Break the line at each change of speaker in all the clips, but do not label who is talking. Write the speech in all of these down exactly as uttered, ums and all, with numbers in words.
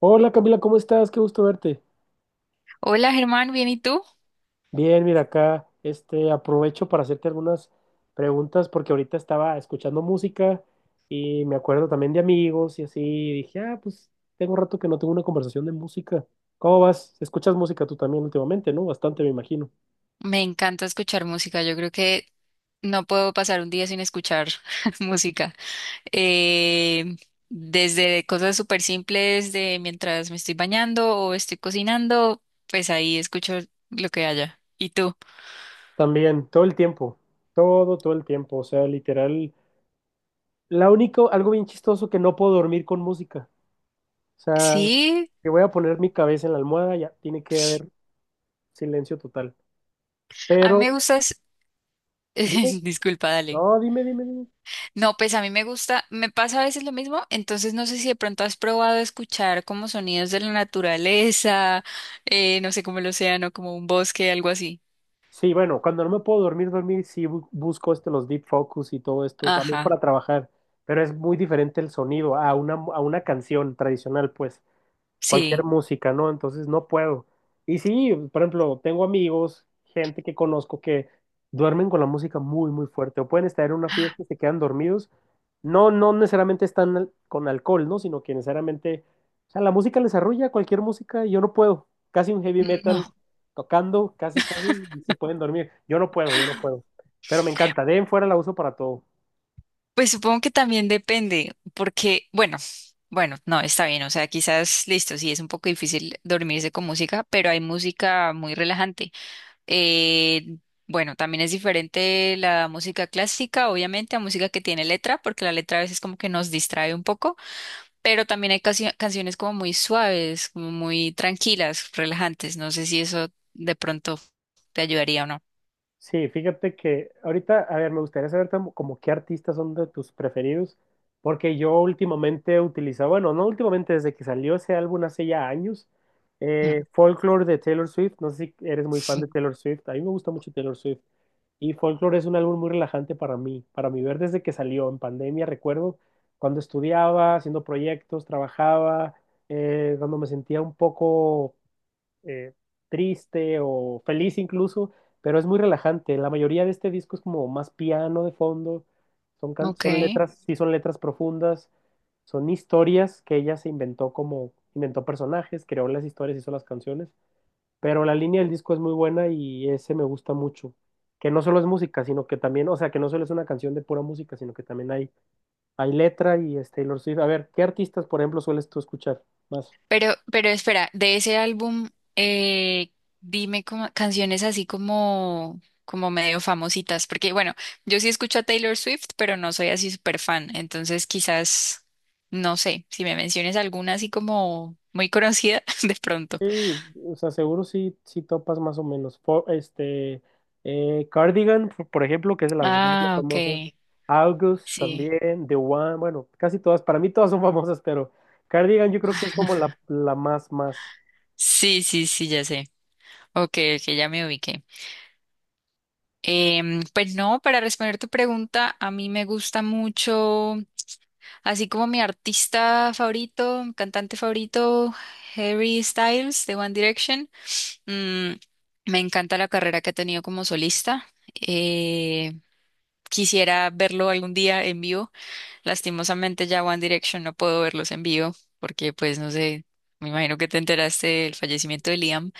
Hola Camila, ¿cómo estás? Qué gusto verte.
Hola Germán, ¿bien y tú?
Bien, mira acá, este, aprovecho para hacerte algunas preguntas porque ahorita estaba escuchando música y me acuerdo también de amigos y así, y dije, ah, pues tengo rato que no tengo una conversación de música. ¿Cómo vas? ¿Escuchas música tú también últimamente, no? Bastante, me imagino.
Me encanta escuchar música, yo creo que no puedo pasar un día sin escuchar música. Eh, Desde cosas súper simples de mientras me estoy bañando o estoy cocinando, pues ahí escucho lo que haya. ¿Y tú?
También, todo el tiempo, todo, todo el tiempo, o sea, literal, la único, algo bien chistoso que no puedo dormir con música. O sea,
Sí,
que voy a poner mi cabeza en la almohada, ya tiene que haber silencio total.
a mí
Pero
me gustas...
dime.
Disculpa, dale.
No, dime, dime, dime.
No, pues a mí me gusta, me pasa a veces lo mismo, entonces no sé si de pronto has probado escuchar como sonidos de la naturaleza, eh, no sé, como el océano, como un bosque, algo así.
Sí, bueno, cuando no me puedo dormir, dormir, sí bu- busco este, los deep focus y todo esto también
Ajá,
para trabajar, pero es muy diferente el sonido a una, a una canción tradicional, pues. Cualquier
sí,
música, ¿no? Entonces no puedo. Y sí, por ejemplo, tengo amigos, gente que conozco que duermen con la música muy, muy fuerte, o pueden estar en una fiesta y se quedan dormidos. No, no necesariamente están al- con alcohol, ¿no? Sino que necesariamente, o sea, la música les arrulla cualquier música y yo no puedo. Casi un heavy
no,
metal tocando, casi, casi, y se pueden dormir. Yo no puedo, yo no puedo. Pero me encanta, de ahí en fuera la uso para todo.
pues supongo que también depende, porque, bueno, bueno, no, está bien, o sea, quizás, listo, sí es un poco difícil dormirse con música, pero hay música muy relajante. Eh, bueno, también es diferente la música clásica, obviamente, a música que tiene letra, porque la letra a veces como que nos distrae un poco, pero también hay cancio- canciones como muy suaves, como muy tranquilas, relajantes, no sé si eso de pronto te ayudaría o no.
Sí, fíjate que ahorita, a ver, me gustaría saber como, como qué artistas son de tus preferidos, porque yo últimamente he utilizado, bueno, no últimamente, desde que salió ese álbum hace ya años,
Mm.
eh, Folklore de Taylor Swift, no sé si eres muy fan de Taylor Swift, a mí me gusta mucho Taylor Swift, y Folklore es un álbum muy relajante para mí, para mi ver desde que salió en pandemia, recuerdo cuando estudiaba, haciendo proyectos, trabajaba, eh, cuando me sentía un poco eh, triste o feliz incluso, pero es muy relajante. La mayoría de este disco es como más piano de fondo, son, can-
Ok.
son letras, sí son letras profundas, son historias que ella se inventó como, inventó personajes, creó las historias, hizo las canciones, pero la línea del disco es muy buena y ese me gusta mucho. Que no solo es música, sino que también, o sea, que no solo es una canción de pura música, sino que también hay, hay letra y es Taylor Swift. A ver, ¿qué artistas, por ejemplo, sueles tú escuchar más?
Pero, pero espera, de ese álbum, eh, dime como- canciones así como, como medio famositas, porque bueno, yo sí escucho a Taylor Swift, pero no soy así súper fan, entonces quizás, no sé, si me menciones alguna así como muy conocida, de pronto.
Sí, o sea, seguro sí, sí topas más o menos. Fo- este, eh, Cardigan, por por ejemplo, que es de las más
Ah, ok,
famosas. August
sí.
también, The One, bueno, casi todas, para mí todas son famosas, pero Cardigan yo creo que es como la, la más, más.
Sí, sí, sí, ya sé. Ok, ok, ya me ubiqué. Em, pues no, para responder tu pregunta, a mí me gusta mucho. Así como mi artista favorito, mi cantante favorito, Harry Styles de One Direction. Mm, me encanta la carrera que ha tenido como solista. Eh, Quisiera verlo algún día en vivo. Lastimosamente ya One Direction no puedo verlos en vivo porque pues no sé, me imagino que te enteraste del fallecimiento de Liam,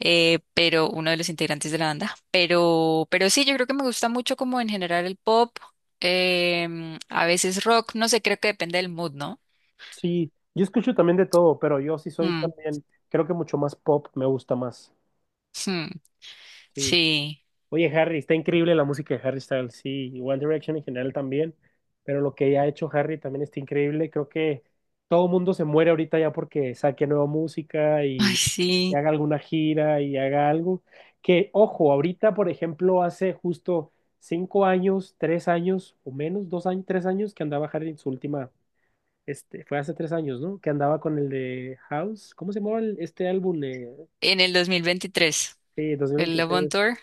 eh, pero uno de los integrantes de la banda. Pero, pero sí, yo creo que me gusta mucho como en general el pop. Em, a veces rock, no sé, creo que depende del mood, ¿no?
Sí, yo escucho también de todo, pero yo sí soy
Mm,
también, creo que mucho más pop, me gusta más.
hmm,
Sí.
sí.
Oye, Harry, está increíble la música de Harry Styles, sí, y One Direction en general también, pero lo que ha hecho Harry también está increíble. Creo que todo el mundo se muere ahorita ya porque saque nueva música
Ay,
y, y
sí.
haga alguna gira y haga algo. Que, ojo, ahorita, por ejemplo, hace justo cinco años, tres años o menos, dos años, tres años que andaba Harry en su última, este, fue hace tres años, ¿no? Que andaba con el de House, ¿cómo se llamaba el- este álbum? Eh,
En el dos mil veintitrés,
sí,
el Love on
dos mil veintitrés.
Tour,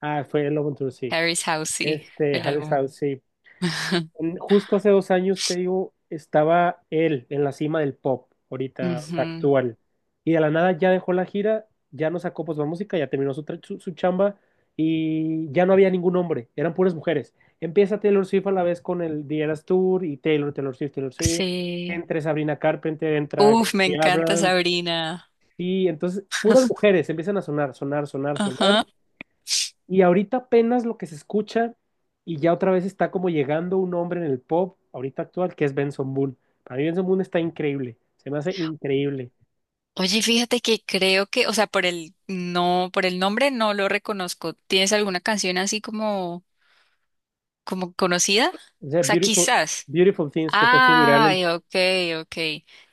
Ah, fue el Love on Tour, sí.
Harry's House, sí,
Este,
el
Harry
álbum.
Styles, sí. Mm, justo hace dos años, te digo, estaba él en la cima del pop, ahorita, o sea,
Ujú,
actual. Y de la nada ya dejó la gira, ya no sacó pues la música, ya terminó su, tra- su, su chamba y ya no había ningún hombre, eran puras mujeres. Empieza Taylor Swift a la vez con el The Eras Tour y Taylor, Taylor Swift, Taylor Swift.
sí.
Entre Sabrina Carpenter, entra
Uf, me
Gracie
encanta
Abrams.
Sabrina.
Y entonces puras mujeres empiezan a sonar, sonar, sonar, sonar.
Ajá.
Y ahorita apenas lo que se escucha y ya otra vez está como llegando un hombre en el pop ahorita actual que es Benson Boone. Para mí Benson Boone está increíble, se me hace increíble.
Oye, fíjate que creo que, o sea, por el no, por el nombre no lo reconozco. ¿Tienes alguna canción así como, como conocida? O
O sea,
sea,
Beautiful,
quizás.
Beautiful Things que fue su viral en...
Ay, ok, ok.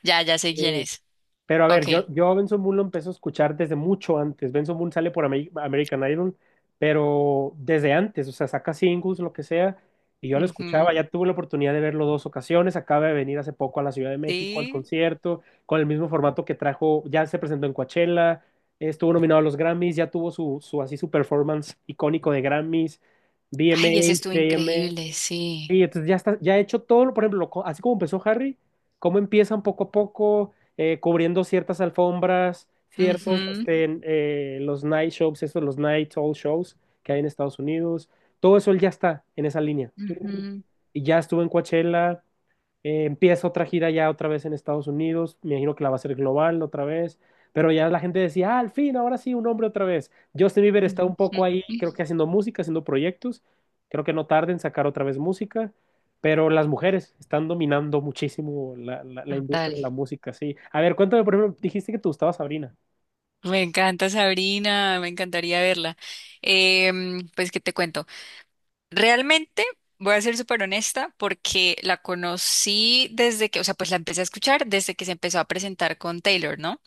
Ya, ya sé quién
eh,
es.
Pero a
Ok.
ver, yo, yo a Benson Moon lo empecé a escuchar desde mucho antes. Benson Moon sale por Ameri- American Idol, pero desde antes, o sea, saca singles, lo que sea, y yo lo
Ujú,
escuchaba. Ya tuve la oportunidad de verlo dos ocasiones. Acaba de venir hace poco a la Ciudad de México al
sí.
concierto, con el mismo formato que trajo, ya se presentó en Coachella, estuvo nominado a los Grammys, ya tuvo su, su así su performance icónico de Grammys,
Ay, ese estuvo
V M As.
increíble, sí.
Sí, entonces ya está, ya he hecho todo, lo- por ejemplo, co- así como empezó Harry, cómo empiezan poco a poco, eh, cubriendo ciertas alfombras, ciertos,
Ujú,
este, eh, los night shows, esos, los night all shows que hay en Estados Unidos, todo eso él ya está en esa línea.
ujú,
Y ya estuvo en Coachella, eh, empieza otra gira ya otra vez en Estados Unidos, me imagino que la va a hacer global otra vez, pero ya la gente decía, ah, al fin, ahora sí, un hombre otra vez. Justin Bieber está
ujú,
un poco
ujú.
ahí, creo que haciendo música, haciendo proyectos, creo que no tarda en sacar otra vez música, pero las mujeres están dominando muchísimo la, la- la
Total.
industria de la música, sí. A ver, cuéntame, por ejemplo, dijiste que te gustaba Sabrina.
Me encanta Sabrina, me encantaría verla. Em, pues, ¿qué te cuento? Realmente voy a ser súper honesta porque la conocí desde que, o sea, pues la empecé a escuchar desde que se empezó a presentar con Taylor, ¿no?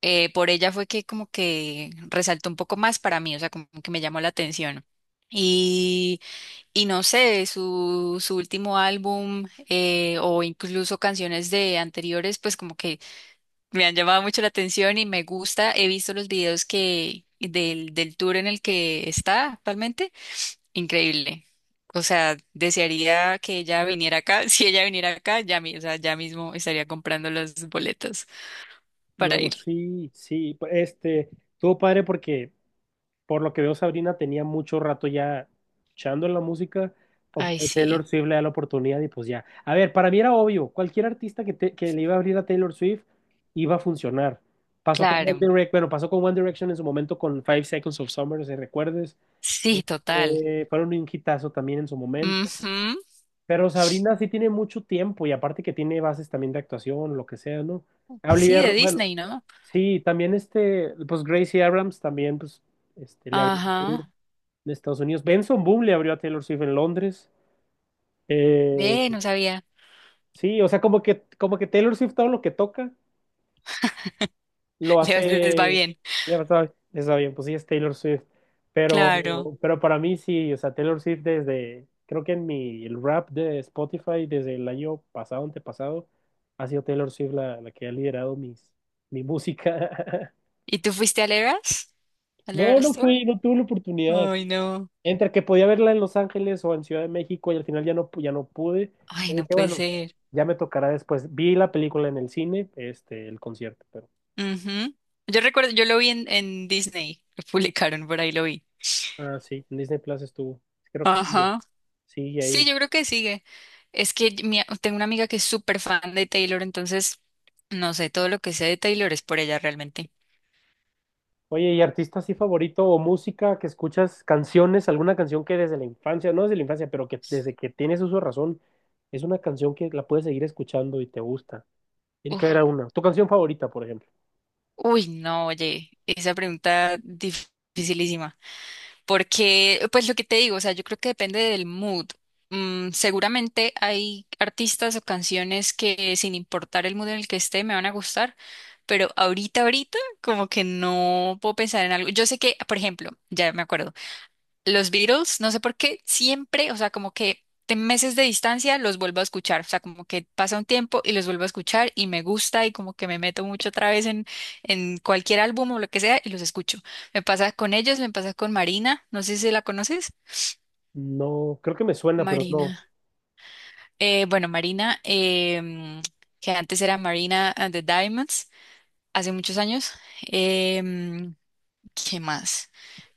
Eh, por ella fue que como que resaltó un poco más para mí, o sea, como que me llamó la atención. y Y no sé, su, su último álbum eh, o incluso canciones de anteriores, pues como que me han llamado mucho la atención y me gusta. He visto los videos que del, del tour en el que está actualmente. Increíble. O sea, desearía que ella viniera acá. Si ella viniera acá, ya, mi- o sea, ya mismo estaría comprando los boletos para
No,
ir.
sí, sí, pues, este, estuvo padre porque por lo que veo, Sabrina tenía mucho rato ya echando en la música. O
Ay,
o Taylor
sí,
Swift le da la oportunidad y pues ya. A ver, para mí era obvio, cualquier artista que, te- que le iba a abrir a Taylor Swift iba a funcionar. Pasó con One
claro.
Direction, bueno, pasó con One Direction en su momento con Five Seconds of Summer, si recuerdes.
Sí, total.
Este, fueron un hitazo también en su momento.
Ujú.
Pero Sabrina sí tiene mucho tiempo y aparte que tiene bases también de actuación, lo que sea, ¿no?
Sí,
Olivia,
de
Ro- bueno,
Disney, ¿no?
sí, también este, pues Gracie Abrams también, pues, este, le abrió
Ajá.
en Estados Unidos. Benson Boom le abrió a Taylor Swift en Londres. Eh,
Ve, no sabía.
sí, o sea, como que, como que Taylor Swift todo lo que toca lo
Les, les va
hace.
bien,
Ya está, está bien, pues sí es Taylor Swift.
claro.
Pero, pero para mí sí, o sea, Taylor Swift desde, creo que en mi el rap de Spotify desde el año pasado, antepasado, ha sido Taylor Swift la, la que ha liderado mis, mi música.
¿Y tú fuiste al Eras? ¿Al
No,
Eras
no
Tour?
fui, no tuve la oportunidad.
Ay, no.
Entre que podía verla en Los Ángeles o en Ciudad de México y al final ya no, pu- ya no pude.
Ay,
Y
no
dije,
puede
bueno,
ser.
ya me tocará después. Vi la película en el cine, este, el concierto, pero.
Ujú. Yo recuerdo, yo lo vi en, en Disney, lo publicaron, por ahí lo vi.
Ah, sí, en Disney Plus estuvo. Creo que sigue,
Ajá.
sigue
Sí,
ahí.
yo creo que sigue. Es que mi- tengo una amiga que es súper fan de Taylor, entonces no sé, todo lo que sé de Taylor es por ella realmente.
Oye, ¿y artista así favorito o música que escuchas, canciones, alguna canción que desde la infancia, no desde la infancia, pero que desde que tienes uso de razón, es una canción que la puedes seguir escuchando y te gusta? Tiene que haber
Uf.
una. ¿Tu canción favorita, por ejemplo?
Uy, no, oye, esa pregunta dificilísima. Porque, pues lo que te digo, o sea, yo creo que depende del mood. Mm, seguramente hay artistas o canciones que sin importar el mood en el que esté me van a gustar, pero ahorita, ahorita, como que no puedo pensar en algo. Yo sé que, por ejemplo, ya me acuerdo. Los Beatles, no sé por qué, siempre, o sea, como que de meses de distancia los vuelvo a escuchar, o sea, como que pasa un tiempo y los vuelvo a escuchar y me gusta y como que me meto mucho otra vez en, en cualquier álbum o lo que sea y los escucho. Me pasa con ellos, me pasa con Marina, no sé si la conoces.
No, creo que me suena, pero no.
Marina. Eh, bueno, Marina, em, que antes era Marina and the Diamonds, hace muchos años. Em, ¿Qué más?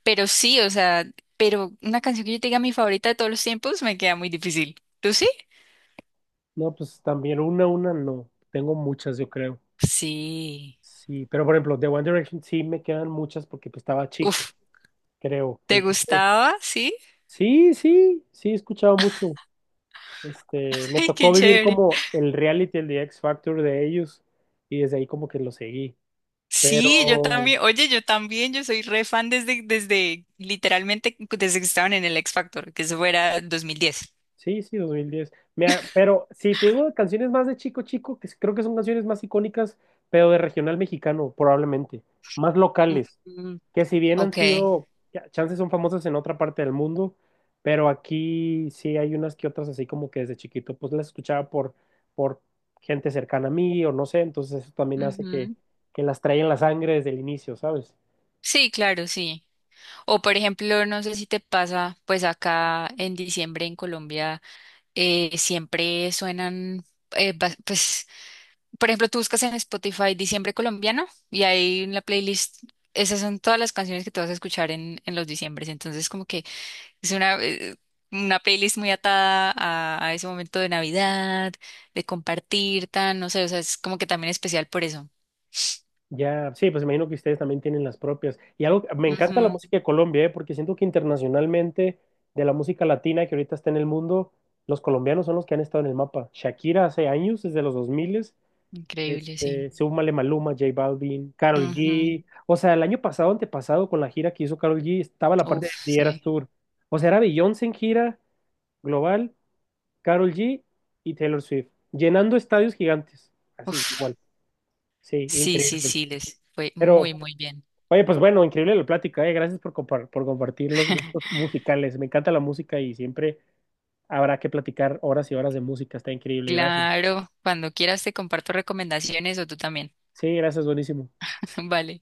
Pero sí, o sea, pero una canción que yo te diga mi favorita de todos los tiempos me queda muy difícil. ¿Tú sí?
No, pues también una, una no. Tengo muchas, yo creo.
Sí.
Sí, pero por ejemplo, de One Direction sí me quedan muchas porque pues, estaba chico,
Uf,
creo.
¿te
Entonces,
gustaba? Sí.
sí, sí, sí, he escuchado mucho. Este, me
Ay,
tocó
qué
vivir
chévere.
como el reality, el de X Factor de ellos y desde ahí como que lo seguí.
Sí, yo
Pero
también. Oye, yo también, yo soy re fan desde, desde, literalmente, desde que estaban en el X Factor, que eso fuera dos mil diez.
sí, sí, dos mil diez. Mira, pero si te digo canciones más de Chico Chico, que s- creo que son canciones más icónicas, pero de regional mexicano, probablemente, más locales,
Mm,
que si bien han
ok.
sido, ya, chances son famosas en otra parte del mundo, pero aquí sí hay unas que otras así como que desde chiquito, pues las escuchaba por, por gente cercana a mí o no sé, entonces eso también hace que,
Ujú.
que las trae en la sangre desde el inicio, ¿sabes?
Sí, claro, sí. O por ejemplo, no sé si te pasa, pues acá en diciembre en Colombia. Eh, siempre suenan, eh, ba- pues, por ejemplo, tú buscas en Spotify Diciembre colombiano y ahí en la playlist, esas son todas las canciones que tú vas a escuchar en, en los diciembres. Entonces, como que es una, eh, una playlist muy atada a, a ese momento de Navidad, de compartir, tan, no sé, o sea, es como que también especial por eso.
Ya, sí, pues imagino que ustedes también tienen las propias. Y algo, me
Ujú,
encanta la música de Colombia, ¿eh? Porque siento que internacionalmente, de la música latina que ahorita está en el mundo, los colombianos son los que han estado en el mapa. Shakira hace años, desde los dos mil,
increíble, sí.
este, súmale Maluma, J Balvin, Karol
Ujú,
G. O sea, el año pasado, antepasado, con la gira que hizo Karol G, estaba la parte
uf,
de Eras
sí.
Tour. O sea, era Beyoncé en gira global, Karol G y Taylor Swift, llenando estadios gigantes. Así,
Uf,
igual. Sí,
sí, sí,
increíble.
sí, les fue muy,
Pero...
muy bien.
Oye, pues bueno, increíble la plática, eh. Gracias por compar- por compartir los gustos musicales. Me encanta la música y siempre habrá que platicar horas y horas de música. Está increíble, gracias.
Claro, cuando quieras te comparto recomendaciones o tú también.
Sí, gracias, buenísimo.
Vale.